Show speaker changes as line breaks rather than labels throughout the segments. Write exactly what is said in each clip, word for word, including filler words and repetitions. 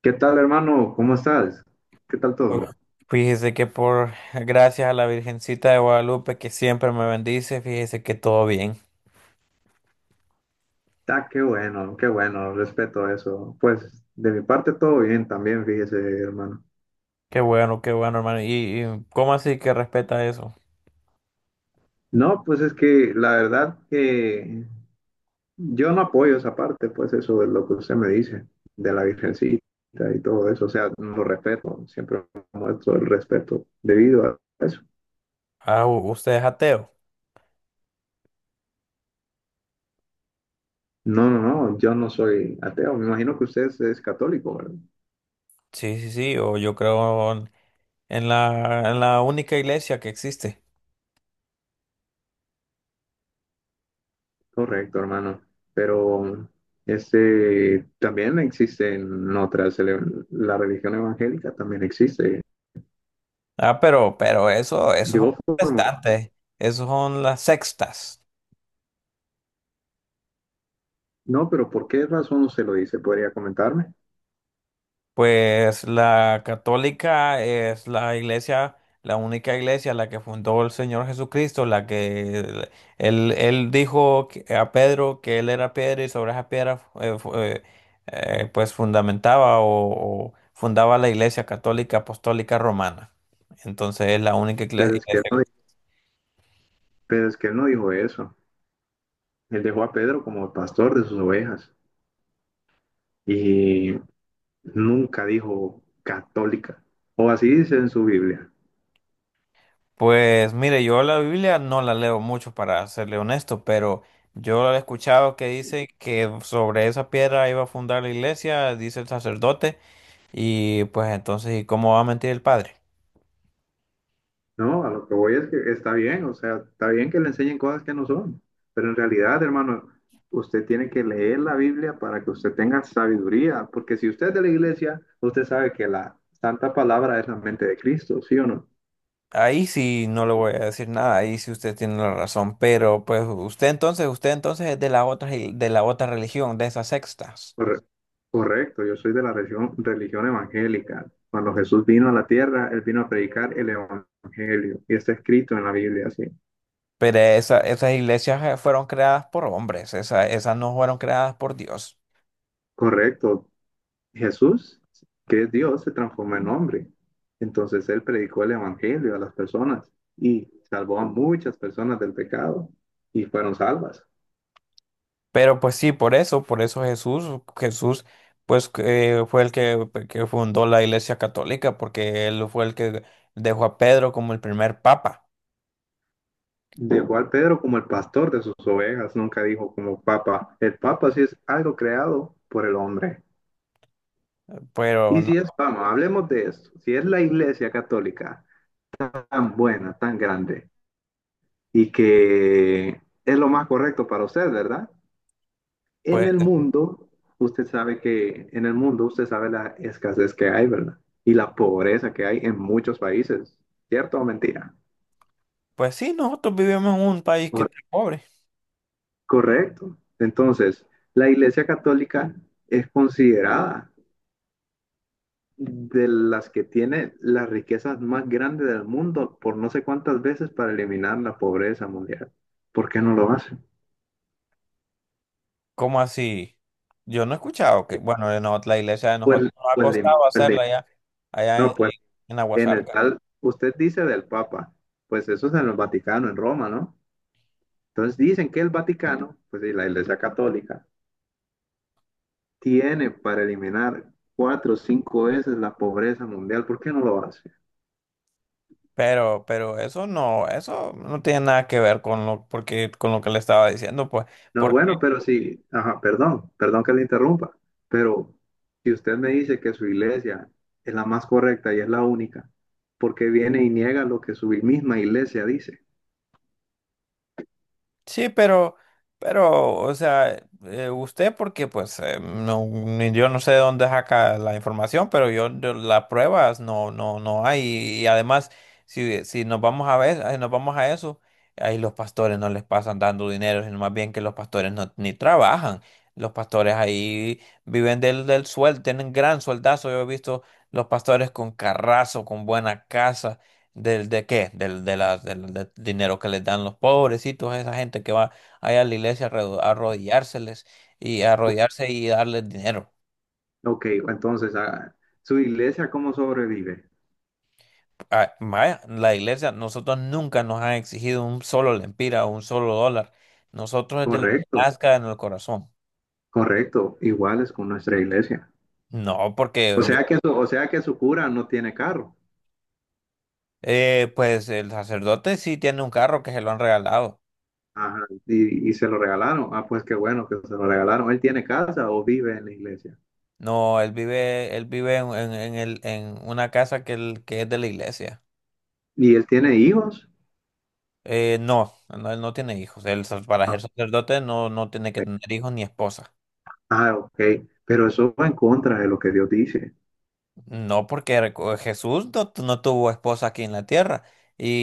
¿Qué tal, hermano? ¿Cómo estás? ¿Qué tal
Uf,
todo?
fíjese que por gracias a la Virgencita de Guadalupe que siempre me bendice, fíjese que todo bien.
Ah, qué bueno, qué bueno, respeto eso. Pues de mi parte todo bien también, fíjese, hermano.
Qué bueno, qué bueno, hermano. ¿Y, y cómo así que respeta eso?
No, pues es que la verdad que yo no apoyo esa parte, pues eso de lo que usted me dice, de la virgencita y todo eso. O sea, lo respeto, siempre muestro el respeto debido a eso.
Ah, u- ¿usted es ateo?
No, no, no, yo no soy ateo. Me imagino que usted es, es católico, ¿verdad?
Sí, sí, sí, o yo creo en en la, en la única iglesia que existe.
Correcto, hermano. Pero este también existen otras, ele- la religión evangélica también existe.
Ah, pero, pero eso, eso son
Yo formo,
protestantes, esos son las sextas.
no, pero ¿por qué razón se lo dice? ¿Podría comentarme?
Pues la católica es la iglesia, la única iglesia, la que fundó el Señor Jesucristo, la que él, él dijo que- a Pedro que él era piedra y sobre esa piedra eh, fu- eh, eh, pues fundamentaba o, o fundaba la iglesia católica apostólica romana. Entonces es la única
Pero
iglesia.
es que él no, di- pero es que él no dijo eso. Él dejó a Pedro como pastor de sus ovejas y nunca dijo católica. O así dice en su Biblia.
Pues mire, yo la Biblia no la leo mucho para serle honesto, pero yo he escuchado que dice que sobre esa piedra iba a fundar la iglesia, dice el sacerdote, y pues entonces, ¿y cómo va a mentir el padre?
No, a lo que voy es que está bien, o sea, está bien que le enseñen cosas que no son, pero en realidad, hermano, usted tiene que leer la Biblia para que usted tenga sabiduría, porque si usted es de la iglesia, usted sabe que la santa palabra es la mente de Cristo, ¿sí o no?
Ahí sí no le voy a decir nada, ahí sí usted tiene la razón, pero pues usted entonces, usted entonces es de la otra, i- de la otra religión, de esas sextas.
Corre- Correcto, yo soy de la religión, religión evangélica. Cuando Jesús vino a la tierra, él vino a predicar el evangelio, y está escrito en la Biblia, sí.
Pero esa- esas iglesias eh, fueron creadas por hombres, esa- esas no fueron creadas por Dios.
Correcto, Jesús, que es Dios, se transformó en hombre. Entonces él predicó el evangelio a las personas y salvó a muchas personas del pecado y fueron salvas.
Pero pues sí, por eso, por eso Jesús, Jesús, pues que fue el que, que fundó la Iglesia Católica, porque él fue el que dejó a Pedro como el primer papa.
Dejó al Pedro como el pastor de sus ovejas, nunca dijo como papa. El papa sí es algo creado por el hombre.
Pero
Y
no,
si es, vamos, hablemos de esto. Si es la iglesia católica tan buena, tan grande y que es lo más correcto para usted, ¿verdad? En
pues,
el mundo, usted sabe que, en el mundo, usted sabe la escasez que hay, ¿verdad? Y la pobreza que hay en muchos países, ¿cierto o mentira?
pues sí, nosotros vivimos en un país que
Cor-
está pobre.
Correcto. Entonces, la Iglesia Católica es considerada de las que tiene las riquezas más grandes del mundo por no sé cuántas veces para eliminar la pobreza mundial. ¿Por qué no lo hace?
¿Cómo así? Yo no he escuchado que, bueno, de no- la iglesia de
Pues,
nosotros nos ha
pues, le-
costado
pues le-
hacerla allá, allá
no,
en,
pues
en
en el
Aguasarca.
tal, usted dice del Papa, pues eso es en el Vaticano, en Roma, ¿no? Entonces dicen que el Vaticano, pues y la Iglesia Católica, tiene para eliminar cuatro o cinco veces la pobreza mundial. ¿Por qué no lo hace?
Pero, pero eso no, eso no tiene nada que ver con lo, porque, con lo que le estaba diciendo, pues.
No, bueno, pero si, ajá, perdón, perdón que le interrumpa, pero si usted me dice que su iglesia es la más correcta y es la única, ¿por qué viene y niega lo que su misma iglesia dice?
Sí, pero, pero, o sea, eh, usted porque pues eh, no, ni- yo no sé de dónde saca la información, pero yo, yo las pruebas no, no, no hay. Y, además, si, si nos vamos a ver, eh, nos vamos a eso, ahí los pastores no les pasan dando dinero, sino más bien que los pastores no, ni trabajan. Los pastores ahí viven del, del sueldo, tienen gran sueldazo. Yo he visto los pastores con carrazo, con buena casa. ¿Del de qué? Del, de las, del, del dinero que les dan los pobrecitos, esa gente que va allá a la iglesia a arro- a arrodillárseles y a arrodillarse y darles dinero.
Ok, entonces, ah, ¿su iglesia cómo sobrevive?
Ah, vaya, la iglesia, nosotros nunca nos han exigido un solo lempira o un solo dólar. Nosotros es de lo que
Correcto,
nazca en el corazón.
correcto, iguales con nuestra iglesia.
No, porque
O
yo,
sea que su, o sea que su cura no tiene carro.
eh, pues el sacerdote sí tiene un carro que se lo han regalado.
Ajá, y, y se lo regalaron. Ah, pues qué bueno que se lo regalaron. ¿Él tiene casa o vive en la iglesia?
No, él vive, él vive en, en- en el, en una casa que, él- que es de la iglesia.
¿Y él tiene hijos?
Eh, no, no, él no tiene hijos. Él, sa- para
Ah,
ser sacerdote no, no tiene que
ok.
tener hijos ni esposa.
Ah, ok. Pero eso va en contra de lo que Dios dice.
No, porque recu- Jesús no, tu- no tuvo esposa aquí en la tierra.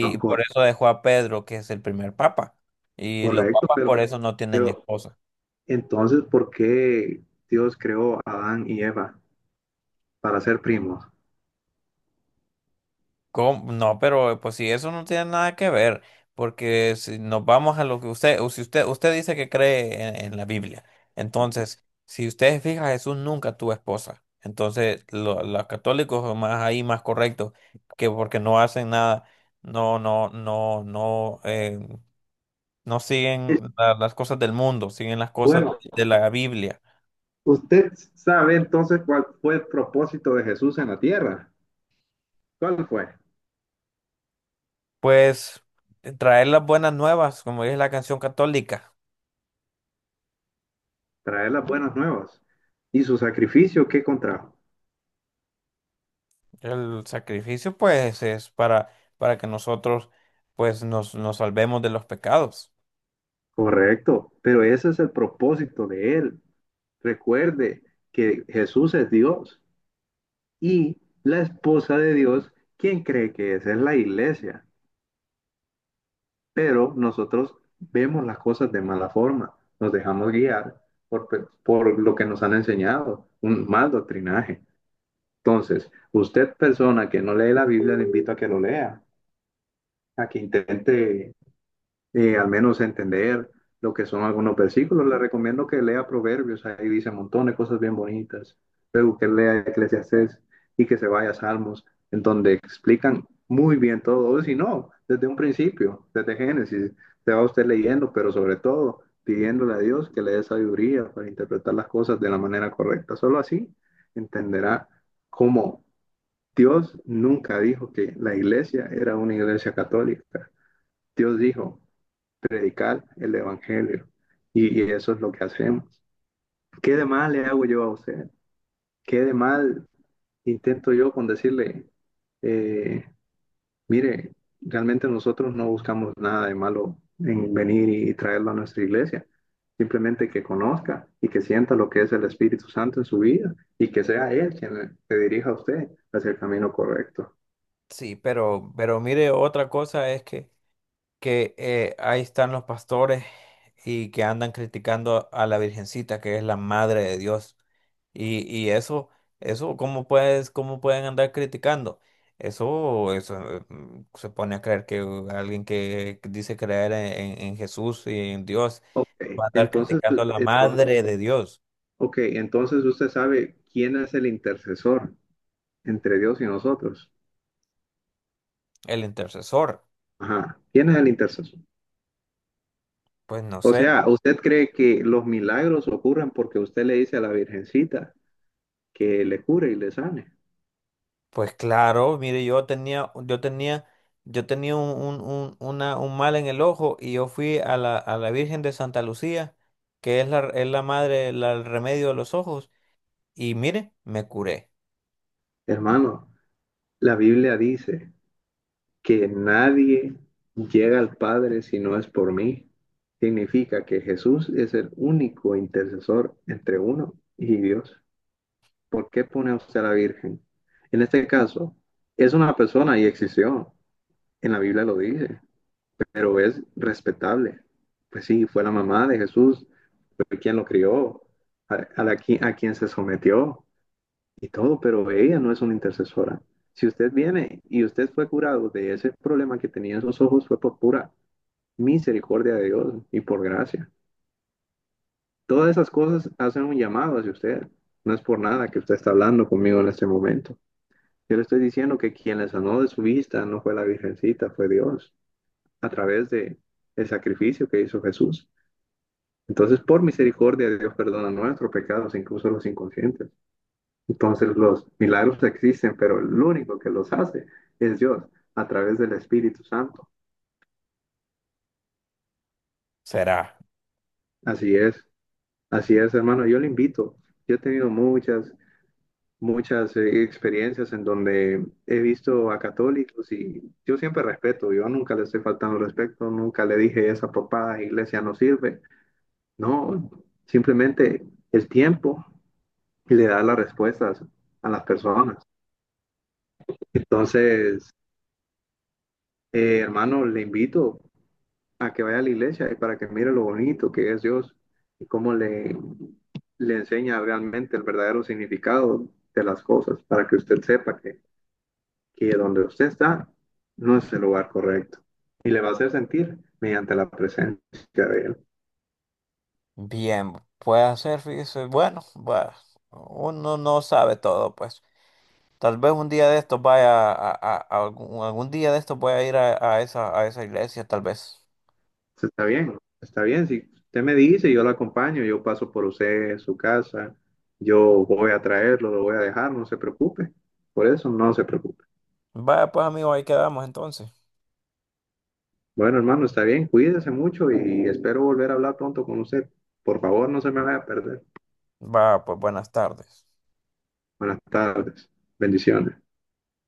Ah, cor-
por eso dejó a Pedro, que es el primer papa. Y los
Correcto,
papas por
pero,
eso no tienen
pero
esposa.
entonces, ¿por qué Dios creó a Adán y Eva para ser primos?
¿Cómo? No, pero pues si eso no tiene nada que ver, porque si nos vamos a lo que usted, o si usted, usted dice que cree en, en la Biblia, entonces, si usted se fija, Jesús nunca tuvo esposa. Entonces, lo- los católicos son más ahí más correctos, que porque no hacen nada, no, no, no, no, eh, no siguen
Eh,
la- las cosas del mundo, siguen las cosas
Bueno,
de la Biblia.
usted sabe entonces cuál fue el propósito de Jesús en la tierra. ¿Cuál fue?
Pues traer las buenas nuevas, como dice la canción católica.
Traer las buenas nuevas. ¿Y su sacrificio qué contrajo?
El sacrificio, pues, es para, para que nosotros, pues, nos, nos salvemos de los pecados.
Correcto, pero ese es el propósito de él. Recuerde que Jesús es Dios y la esposa de Dios, quien cree que esa es la iglesia, pero nosotros vemos las cosas de mala forma, nos dejamos guiar por, pe- por lo que nos han enseñado, un mal doctrinaje. Entonces, usted persona que no lee la Biblia, le invito a que lo lea, a que intente y al menos entender lo que son algunos versículos. Le recomiendo que lea Proverbios, ahí dice un montón de cosas bien bonitas. Luego que lea Eclesiastés y que se vaya a Salmos, en donde explican muy bien todo. Si no, desde un principio, desde Génesis, se va usted leyendo, pero sobre todo pidiéndole a Dios que le dé sabiduría para interpretar las cosas de la manera correcta. Solo así entenderá cómo Dios nunca dijo que la iglesia era una iglesia católica. Dios dijo, predicar el Evangelio. Y, y, eso es lo que hacemos. ¿Qué de mal le hago yo a usted? ¿Qué de mal intento yo con decirle, eh, mire, realmente nosotros no buscamos nada de malo en venir y, y traerlo a nuestra iglesia? Simplemente que conozca y que sienta lo que es el Espíritu Santo en su vida y que sea Él quien le dirija a usted hacia el camino correcto.
Sí, pero, pero mire, otra cosa es que, que eh, ahí están los pastores y que andan criticando a la Virgencita, que es la madre de Dios. Y, y eso, eso, ¿cómo puedes, cómo pueden andar criticando? Eso, eso eh, mm, se pone a creer que uh, alguien que dice creer en, en- en Jesús y en Dios
Ok,
va a andar
entonces,
criticando a la
entonces,
madre de Dios.
okay, entonces usted sabe quién es el intercesor entre Dios y nosotros.
El intercesor,
Ajá. ¿Quién es el intercesor?
pues no
O
sé.
sea, ¿usted cree que los milagros ocurren porque usted le dice a la Virgencita que le cure y le sane?
Pues claro, mire, yo tenía, yo tenía, yo tenía un, un, un- una- un mal en el ojo y yo fui a la, a la Virgen de Santa Lucía, que es la, es la madre, la- el remedio de los ojos, y mire, me curé.
Hermano, la Biblia dice que nadie llega al Padre si no es por mí. Significa que Jesús es el único intercesor entre uno y Dios. ¿Por qué pone a usted a la Virgen? En este caso, es una persona y existió. En la Biblia lo dice, pero es respetable. Pues sí, fue la mamá de Jesús, fue quien lo crió, a, a, la, a quien se sometió y todo, pero ella no es una intercesora. Si usted viene y usted fue curado de ese problema que tenía en sus ojos, fue por pura misericordia de Dios y por gracia. Todas esas cosas hacen un llamado hacia usted. No es por nada que usted está hablando conmigo en este momento. Yo le estoy diciendo que quien le sanó de su vista no fue la Virgencita, fue Dios, a través de el sacrificio que hizo Jesús. Entonces, por misericordia, de Dios perdona nuestros pecados, incluso los inconscientes. Entonces, los milagros existen, pero el único que los hace es Dios, a través del Espíritu Santo.
Será.
Así es, así es, hermano. Yo le invito. Yo he tenido muchas, muchas eh, experiencias en donde he visto a católicos y yo siempre respeto. Yo nunca le estoy faltando el respeto, nunca le dije esa papada iglesia no sirve. No, simplemente el tiempo le da las respuestas a las personas. Entonces, eh, hermano, le invito a que vaya a la iglesia y para que mire lo bonito que es Dios y cómo le le enseña realmente el verdadero significado de las cosas, para que usted sepa que, que donde usted está no es el lugar correcto y le va a hacer sentir mediante la presencia de él.
Bien, puede hacer, fíjese, bueno, bueno, uno no sabe todo, pues. Tal vez un día de estos vaya a, a- a algún, algún día de estos voy a ir a, a esa, a esa iglesia, tal vez.
Entonces, está bien, está bien. Si usted me dice, yo lo acompaño, yo paso por usted, su casa, yo voy a traerlo, lo voy a dejar, no se preocupe. Por eso no se preocupe.
Vaya, pues amigo, ahí quedamos entonces.
Bueno, hermano, está bien, cuídese mucho y espero volver a hablar pronto con usted. Por favor, no se me vaya a perder.
Va, pues buenas tardes.
Buenas tardes. Bendiciones.